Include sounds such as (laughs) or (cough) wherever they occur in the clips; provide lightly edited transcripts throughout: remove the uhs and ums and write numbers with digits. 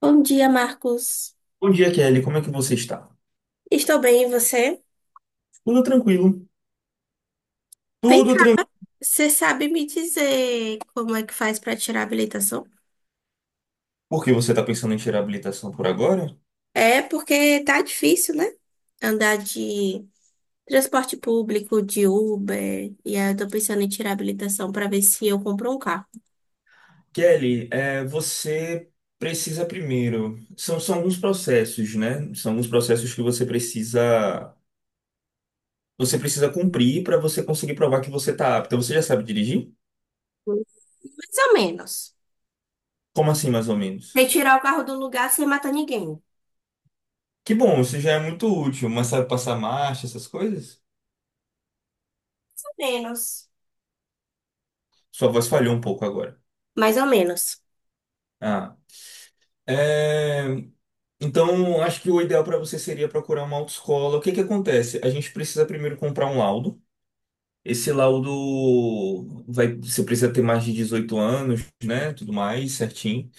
Bom dia, Marcos. Bom dia, Kelly. Como é que você está? Estou bem, e você? Tudo tranquilo. Vem Tudo cá, tranquilo. você sabe me dizer como é que faz para tirar a habilitação? Por que você está pensando em tirar a habilitação por agora? É porque tá difícil, né? Andar de transporte público, de Uber, e aí eu tô pensando em tirar a habilitação para ver se eu compro um carro. Kelly, você precisa primeiro. São alguns processos, né? São alguns processos que você precisa. Você precisa cumprir para você conseguir provar que você está apta. Você já sabe dirigir? Mais ou menos. Como assim, mais ou menos? Retirar o carro do lugar sem matar ninguém. Mais Que bom, isso já é muito útil, mas sabe passar marcha, essas coisas? ou menos. Sua voz falhou um pouco agora. Mais ou menos. Ah. É. Então, acho que o ideal para você seria procurar uma autoescola. O que que acontece? A gente precisa primeiro comprar um laudo. Você precisa ter mais de 18 anos, né? Tudo mais, certinho.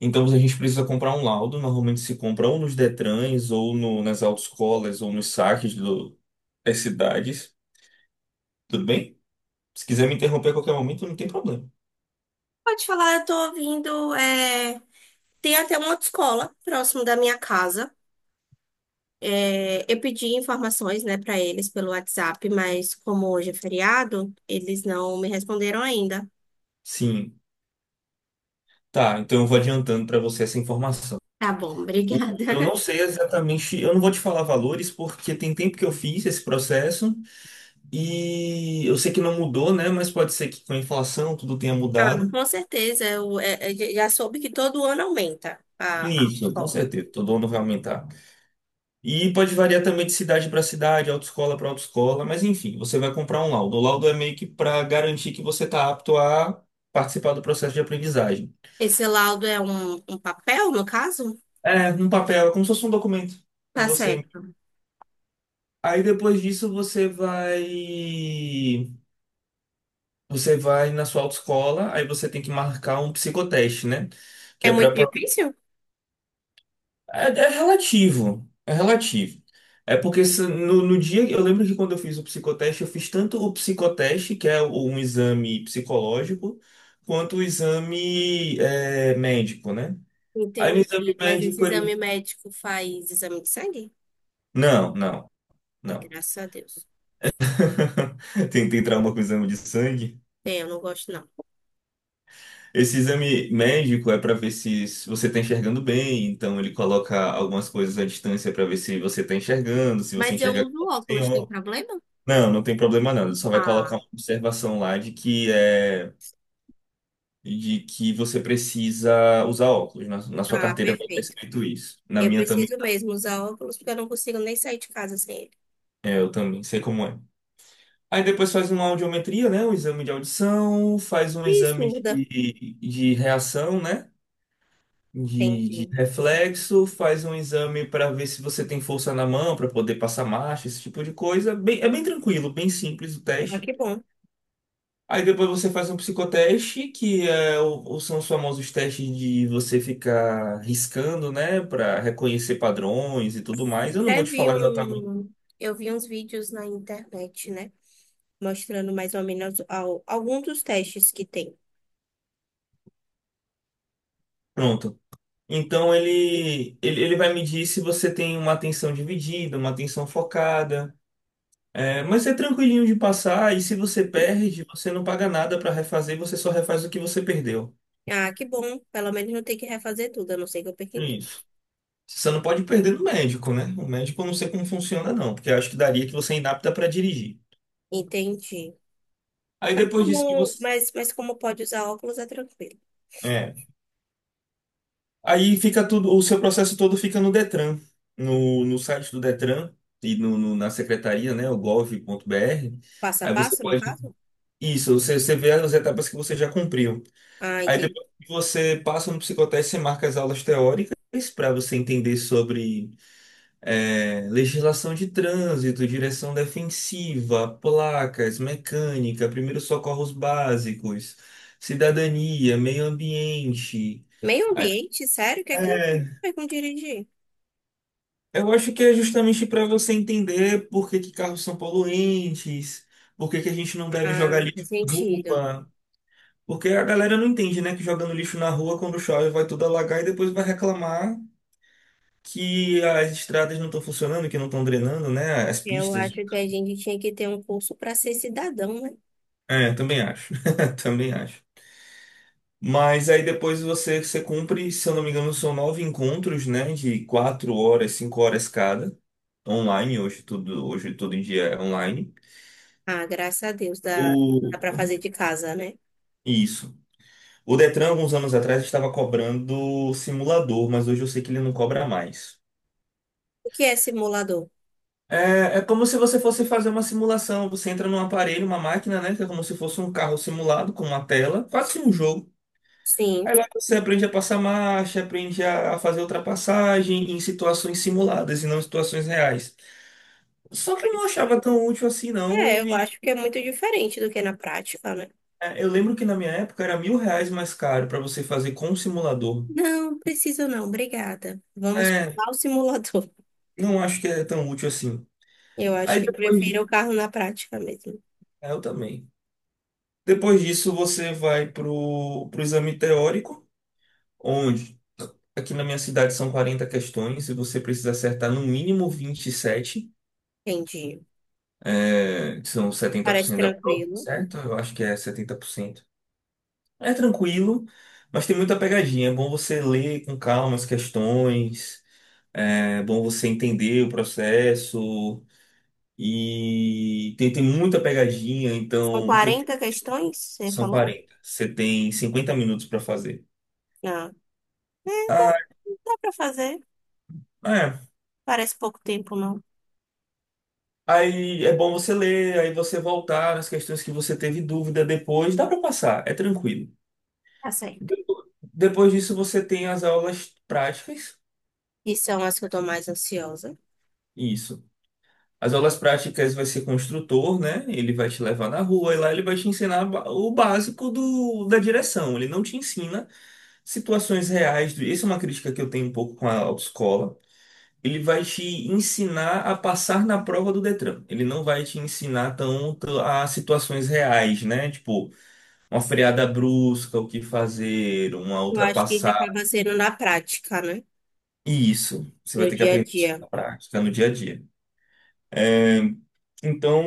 Então, a gente precisa comprar um laudo. Normalmente se compra ou nos Detrans, ou nas autoescolas, ou nos saques das cidades. Tudo bem? Se quiser me interromper a qualquer momento, não tem problema. Pode falar, eu tô ouvindo. Tem até uma autoescola próximo da minha casa. É, eu pedi informações, né, para eles pelo WhatsApp, mas como hoje é feriado, eles não me responderam ainda. Sim. Tá, então eu vou adiantando para você essa informação. Tá bom, O- obrigada. Eu não (laughs) sei exatamente, eu não vou te falar valores porque tem tempo que eu fiz esse processo e eu sei que não mudou, né? Mas pode ser que com a inflação tudo tenha Ah, mudado. com certeza, eu já soube que todo ano aumenta a Isso, com escola. certeza, todo ano vai aumentar. E pode variar também de cidade para cidade, autoescola para autoescola, mas enfim, você vai comprar um laudo. O laudo é meio que para garantir que você está apto a participar do processo de aprendizagem. Esse laudo é um papel, no caso? É, num papel, é como se fosse um documento que Tá você. certo. Aí depois disso você vai. Você vai na sua autoescola, aí você tem que marcar um psicoteste, né? Que É é para muito difícil? É relativo, é relativo. É porque no dia, eu lembro que quando eu fiz o psicoteste, eu fiz tanto o psicoteste, que é um exame psicológico, quanto o exame médico, né? Aí no exame Entendi, mas esse médico ele... exame médico faz exame de sangue? Não, não, Ai, não. graças a Deus. (laughs) Tem trauma com o exame de sangue? Tem, eu não gosto não. Esse exame médico é para ver se você está enxergando bem, então ele coloca algumas coisas à distância para ver se você está enxergando, se você Mas eu enxerga uso como tem óculos, tem óculos. problema? Não, não tem problema não. Ele só vai colocar Ah, uma observação lá de que você precisa usar óculos. Na sua ah, carteira vai estar perfeito. escrito isso. Na Eu minha também, preciso mesmo usar óculos porque eu não consigo nem sair de casa sem ele. Eu também sei como é. Aí depois faz uma audiometria, né? Um exame de audição, faz um E exame surda. de reação, né? De Entendi. reflexo, faz um exame para ver se você tem força na mão para poder passar marcha, esse tipo de coisa. É bem tranquilo, bem simples o Ah, teste. que bom. Aí depois você faz um psicoteste, que são os famosos testes de você ficar riscando, né, para reconhecer padrões e tudo mais. Eu não vou Até te vi falar exatamente. um... Eu vi uns vídeos na internet, né? Mostrando mais ou menos alguns dos testes que tem. Pronto. Então ele vai medir se você tem uma atenção dividida, uma atenção focada. É, mas é tranquilinho de passar, e se você perde, você não paga nada para refazer, você só refaz o que você perdeu. Ah, que bom. Pelo menos não tem que refazer tudo, a não ser que eu perca em É tudo. isso. Você não pode perder no médico, né? O médico eu não sei como funciona, não, porque eu acho que daria que você é inapta para dirigir. Entendi. Aí Mas depois disso que como, você. mas como pode usar óculos é tranquilo. É. Aí fica tudo, o seu processo todo fica no Detran, no site do Detran e na secretaria, né? O gov.br. Passo a Aí você passo, no pode. caso? Isso, você vê as etapas que você já cumpriu. Ah, Aí entendi. depois que você passa no psicoteste, você marca as aulas teóricas para você entender sobre legislação de trânsito, direção defensiva, placas, mecânica, primeiros socorros básicos, cidadania, meio ambiente. Meio Aí- ambiente, sério? O que é que É, vai com dirigir? eu acho que é justamente para você entender por que que carros são poluentes, por que que a gente não deve jogar Ah, lixo faz na sentido. rua. Porque a galera não entende, né? Que jogando lixo na rua, quando chove, vai tudo alagar e depois vai reclamar que as estradas não estão funcionando, que não estão drenando, né? As Eu pistas. acho que a gente tinha que ter um curso para ser cidadão, né? É, também acho. (laughs) Também acho. Mas aí depois você cumpre, se eu não me engano, são nove encontros, né? De 4 horas, 5 horas cada, online, hoje todo em dia é online. Ah, graças a Deus, dá, O... dá para fazer de casa, né? Isso. O Detran, alguns anos atrás, estava cobrando simulador, mas hoje eu sei que ele não cobra mais. O que é simulador? É como se você fosse fazer uma simulação. Você entra num aparelho, uma máquina, né? Que é como se fosse um carro simulado com uma tela. Faz um jogo. Sim, Aí lá você aprende a passar marcha, aprende a fazer ultrapassagem em situações simuladas e não em situações reais. Só que eu não mas achava tão útil assim, não. E eu acho que é muito diferente do que é na prática, né? Eu lembro que na minha época era R$ 1.000 mais caro para você fazer com o simulador. Não, preciso não, obrigada. Vamos É, pular o simulador. (laughs) não acho que é tão útil assim. Eu acho Aí que depois, prefiro o carro na prática mesmo. Eu também. Depois disso, você vai pro exame teórico, onde aqui na minha cidade são 40 questões e você precisa acertar no mínimo 27. Entendi. Que são Parece 70% da prova, tranquilo. certo? Eu acho que é 70%. É tranquilo, mas tem muita pegadinha. É bom você ler com calma as questões, é bom você entender o processo. E tem muita pegadinha, São 40 questões, você são falou? 40. Você tem 50 minutos para fazer. Não. É, dá, Ah, dá para fazer. é. Parece pouco tempo, não. Aí é bom você ler, aí você voltar nas questões que você teve dúvida depois. Dá para passar, é tranquilo. Tá certo. Depo- Depois disso, você tem as aulas práticas. E são as que eu tô mais ansiosa. Isso. As aulas práticas vai ser com o instrutor, né? Ele vai te levar na rua e lá ele vai te ensinar o básico da direção. Ele não te ensina situações reais. Isso é uma crítica que eu tenho um pouco com a autoescola. Ele vai te ensinar a passar na prova do Detran. Ele não vai te ensinar tanto a situações reais, né? Tipo, uma freada brusca, o que fazer, uma Eu acho que isso ultrapassagem. acaba sendo na prática, né? E isso, você vai No ter que dia a aprender isso dia. na prática, no dia a dia. É, então,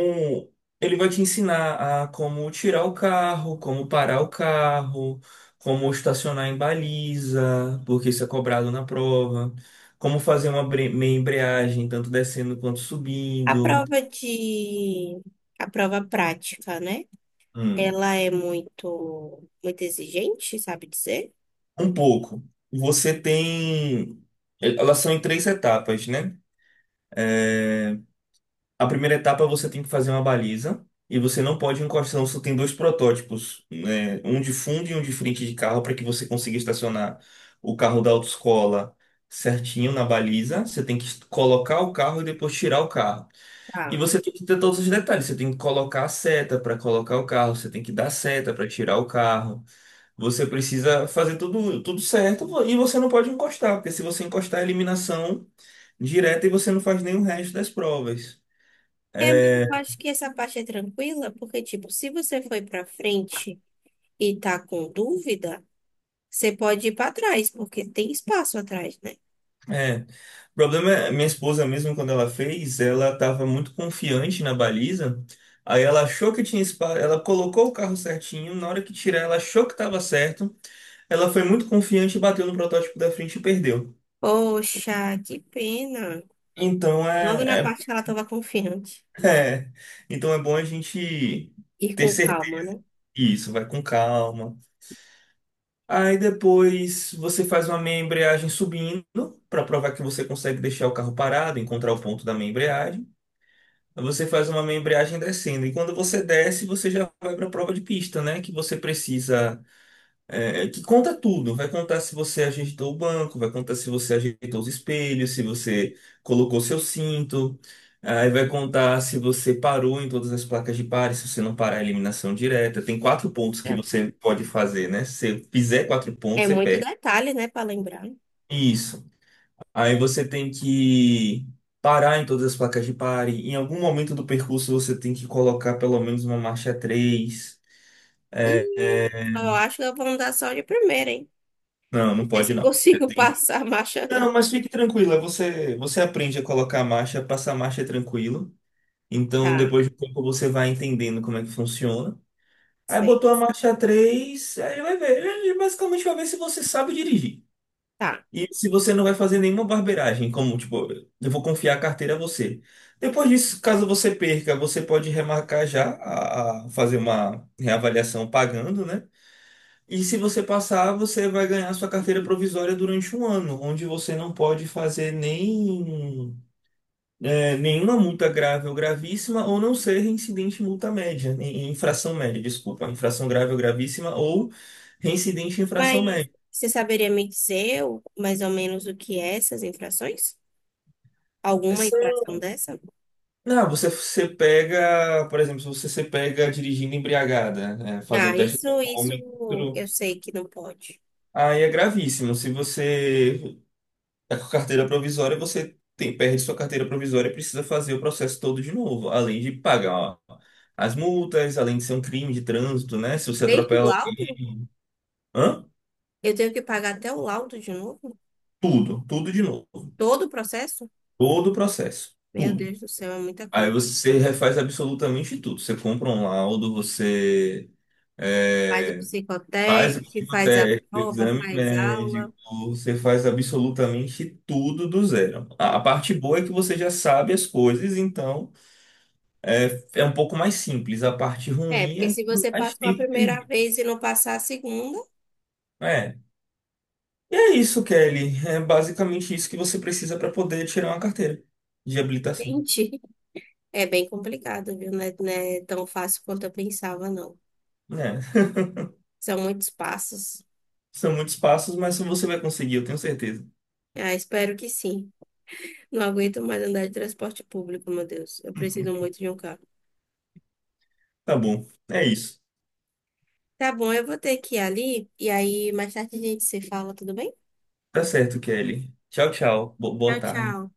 ele vai te ensinar a como tirar o carro, como parar o carro, como estacionar em baliza, porque isso é cobrado na prova, como fazer uma meia embreagem, tanto descendo quanto A subindo. prova de... A prova prática, né? Hum. Ela é muito, muito exigente, sabe dizer? Um pouco. Você tem. Elas são em três etapas, né? É. A primeira etapa é você tem que fazer uma baliza e você não pode encostar. Você tem dois protótipos, né? Um de fundo e um de frente de carro para que você consiga estacionar o carro da autoescola certinho na baliza. Você tem que colocar o carro e depois tirar o carro. E Tá. você tem que ter todos os detalhes. Você tem que colocar a seta para colocar o carro. Você tem que dar seta para tirar o carro. Você precisa fazer tudo, tudo certo e você não pode encostar, porque se você encostar é eliminação direta e você não faz nenhum resto das provas. É, mas É, eu acho que essa parte é tranquila, porque, tipo, se você foi pra frente e tá com dúvida, você pode ir pra trás, porque tem espaço atrás, né? é. O problema é, minha esposa mesmo, quando ela fez, ela estava muito confiante na baliza. Aí ela achou que tinha espaço, ela colocou o carro certinho, na hora que tirar, ela achou que estava certo. Ela foi muito confiante e bateu no protótipo da frente e perdeu. Poxa, que pena. Então Logo na é, parte que ela tava confiante. é, (laughs) é. Então é bom a gente Ir ter com certeza calma, né? disso, vai com calma. Aí depois você faz uma meia embreagem subindo para provar que você consegue deixar o carro parado, encontrar o ponto da meia embreagem. Você faz uma embreagem descendo. E quando você desce, você já vai para a prova de pista, né? Que você precisa. Que conta tudo. Vai contar se você ajeitou o banco, vai contar se você ajeitou os espelhos, se você colocou seu cinto. Aí vai contar se você parou em todas as placas de pare, se você não parar a eliminação direta. Tem quatro pontos que É. você pode fazer, né? Se você fizer quatro É pontos, você muito perde. detalhe, né, pra lembrar. Isso. Aí você tem que parar em todas as placas de pare. Em algum momento do percurso você tem que colocar pelo menos uma marcha 3. E só acho que vão dar só de primeira, hein? Não, não Não sei pode se eu não. Consigo (laughs) passar a marcha, Não, não. mas fique tranquila, você aprende a colocar a marcha, passar a marcha tranquilo. Então Tá, depois de um pouco você vai entendendo como é que funciona. Aí sei. botou a marcha 3, aí vai ver. Ele basicamente vai ver se você sabe dirigir. Tá. E se você não vai fazer nenhuma barbeiragem, como tipo, eu vou confiar a carteira a você. Depois disso, caso você perca, você pode remarcar já a fazer uma reavaliação pagando, né? E se você passar, você vai ganhar sua carteira provisória durante um ano, onde você não pode fazer nem, nenhuma multa grave ou gravíssima, ou não ser reincidente em multa média, em infração média, desculpa, infração grave ou gravíssima, ou reincidente em infração Mas média. você saberia me dizer mais ou menos o que é essas infrações? Alguma infração dessa? Não, você pega, por exemplo, se você se pega dirigindo embriagada, né, fazer um Ah, teste de isso alcoólmetro, eu sei que não pode. aí é gravíssimo. Se você tá com carteira provisória, perde sua carteira provisória e precisa fazer o processo todo de novo, além de pagar as multas, além de ser um crime de trânsito, né? Se você Desde o atropela laudo? alguém, hã? Eu tenho que pagar até o laudo de novo? Tudo, tudo de novo. Todo o processo? Todo o processo, Meu tudo. Deus do céu, é muita Aí coisa. você refaz absolutamente tudo. Você compra um laudo, você Faz o eh, faz, eu psicotécnico, tive faz a até o prova, exame faz médico, aula. você faz absolutamente tudo do zero. A parte boa é que você já sabe as coisas, então é um pouco mais simples. A parte É, ruim porque é que se tem você mais passou a tempo primeira perdido. vez e não passar a segunda, É. E é isso, Kelly. É basicamente isso que você precisa para poder tirar uma carteira de (laughs) habilitação. gente. É bem complicado, viu? Não é, não é tão fácil quanto eu pensava, não. É. São muitos passos. (laughs) São muitos passos, mas você vai conseguir, eu tenho certeza. Ah, espero que sim. Não aguento mais andar de transporte público, meu Deus. Eu preciso muito de um carro. Tá bom. É isso. Tá bom, eu vou ter que ir ali e aí mais tarde a gente se fala, tudo bem? Tá certo, Kelly. Tchau, tchau. Bo- Tchau, Boa tarde. tchau.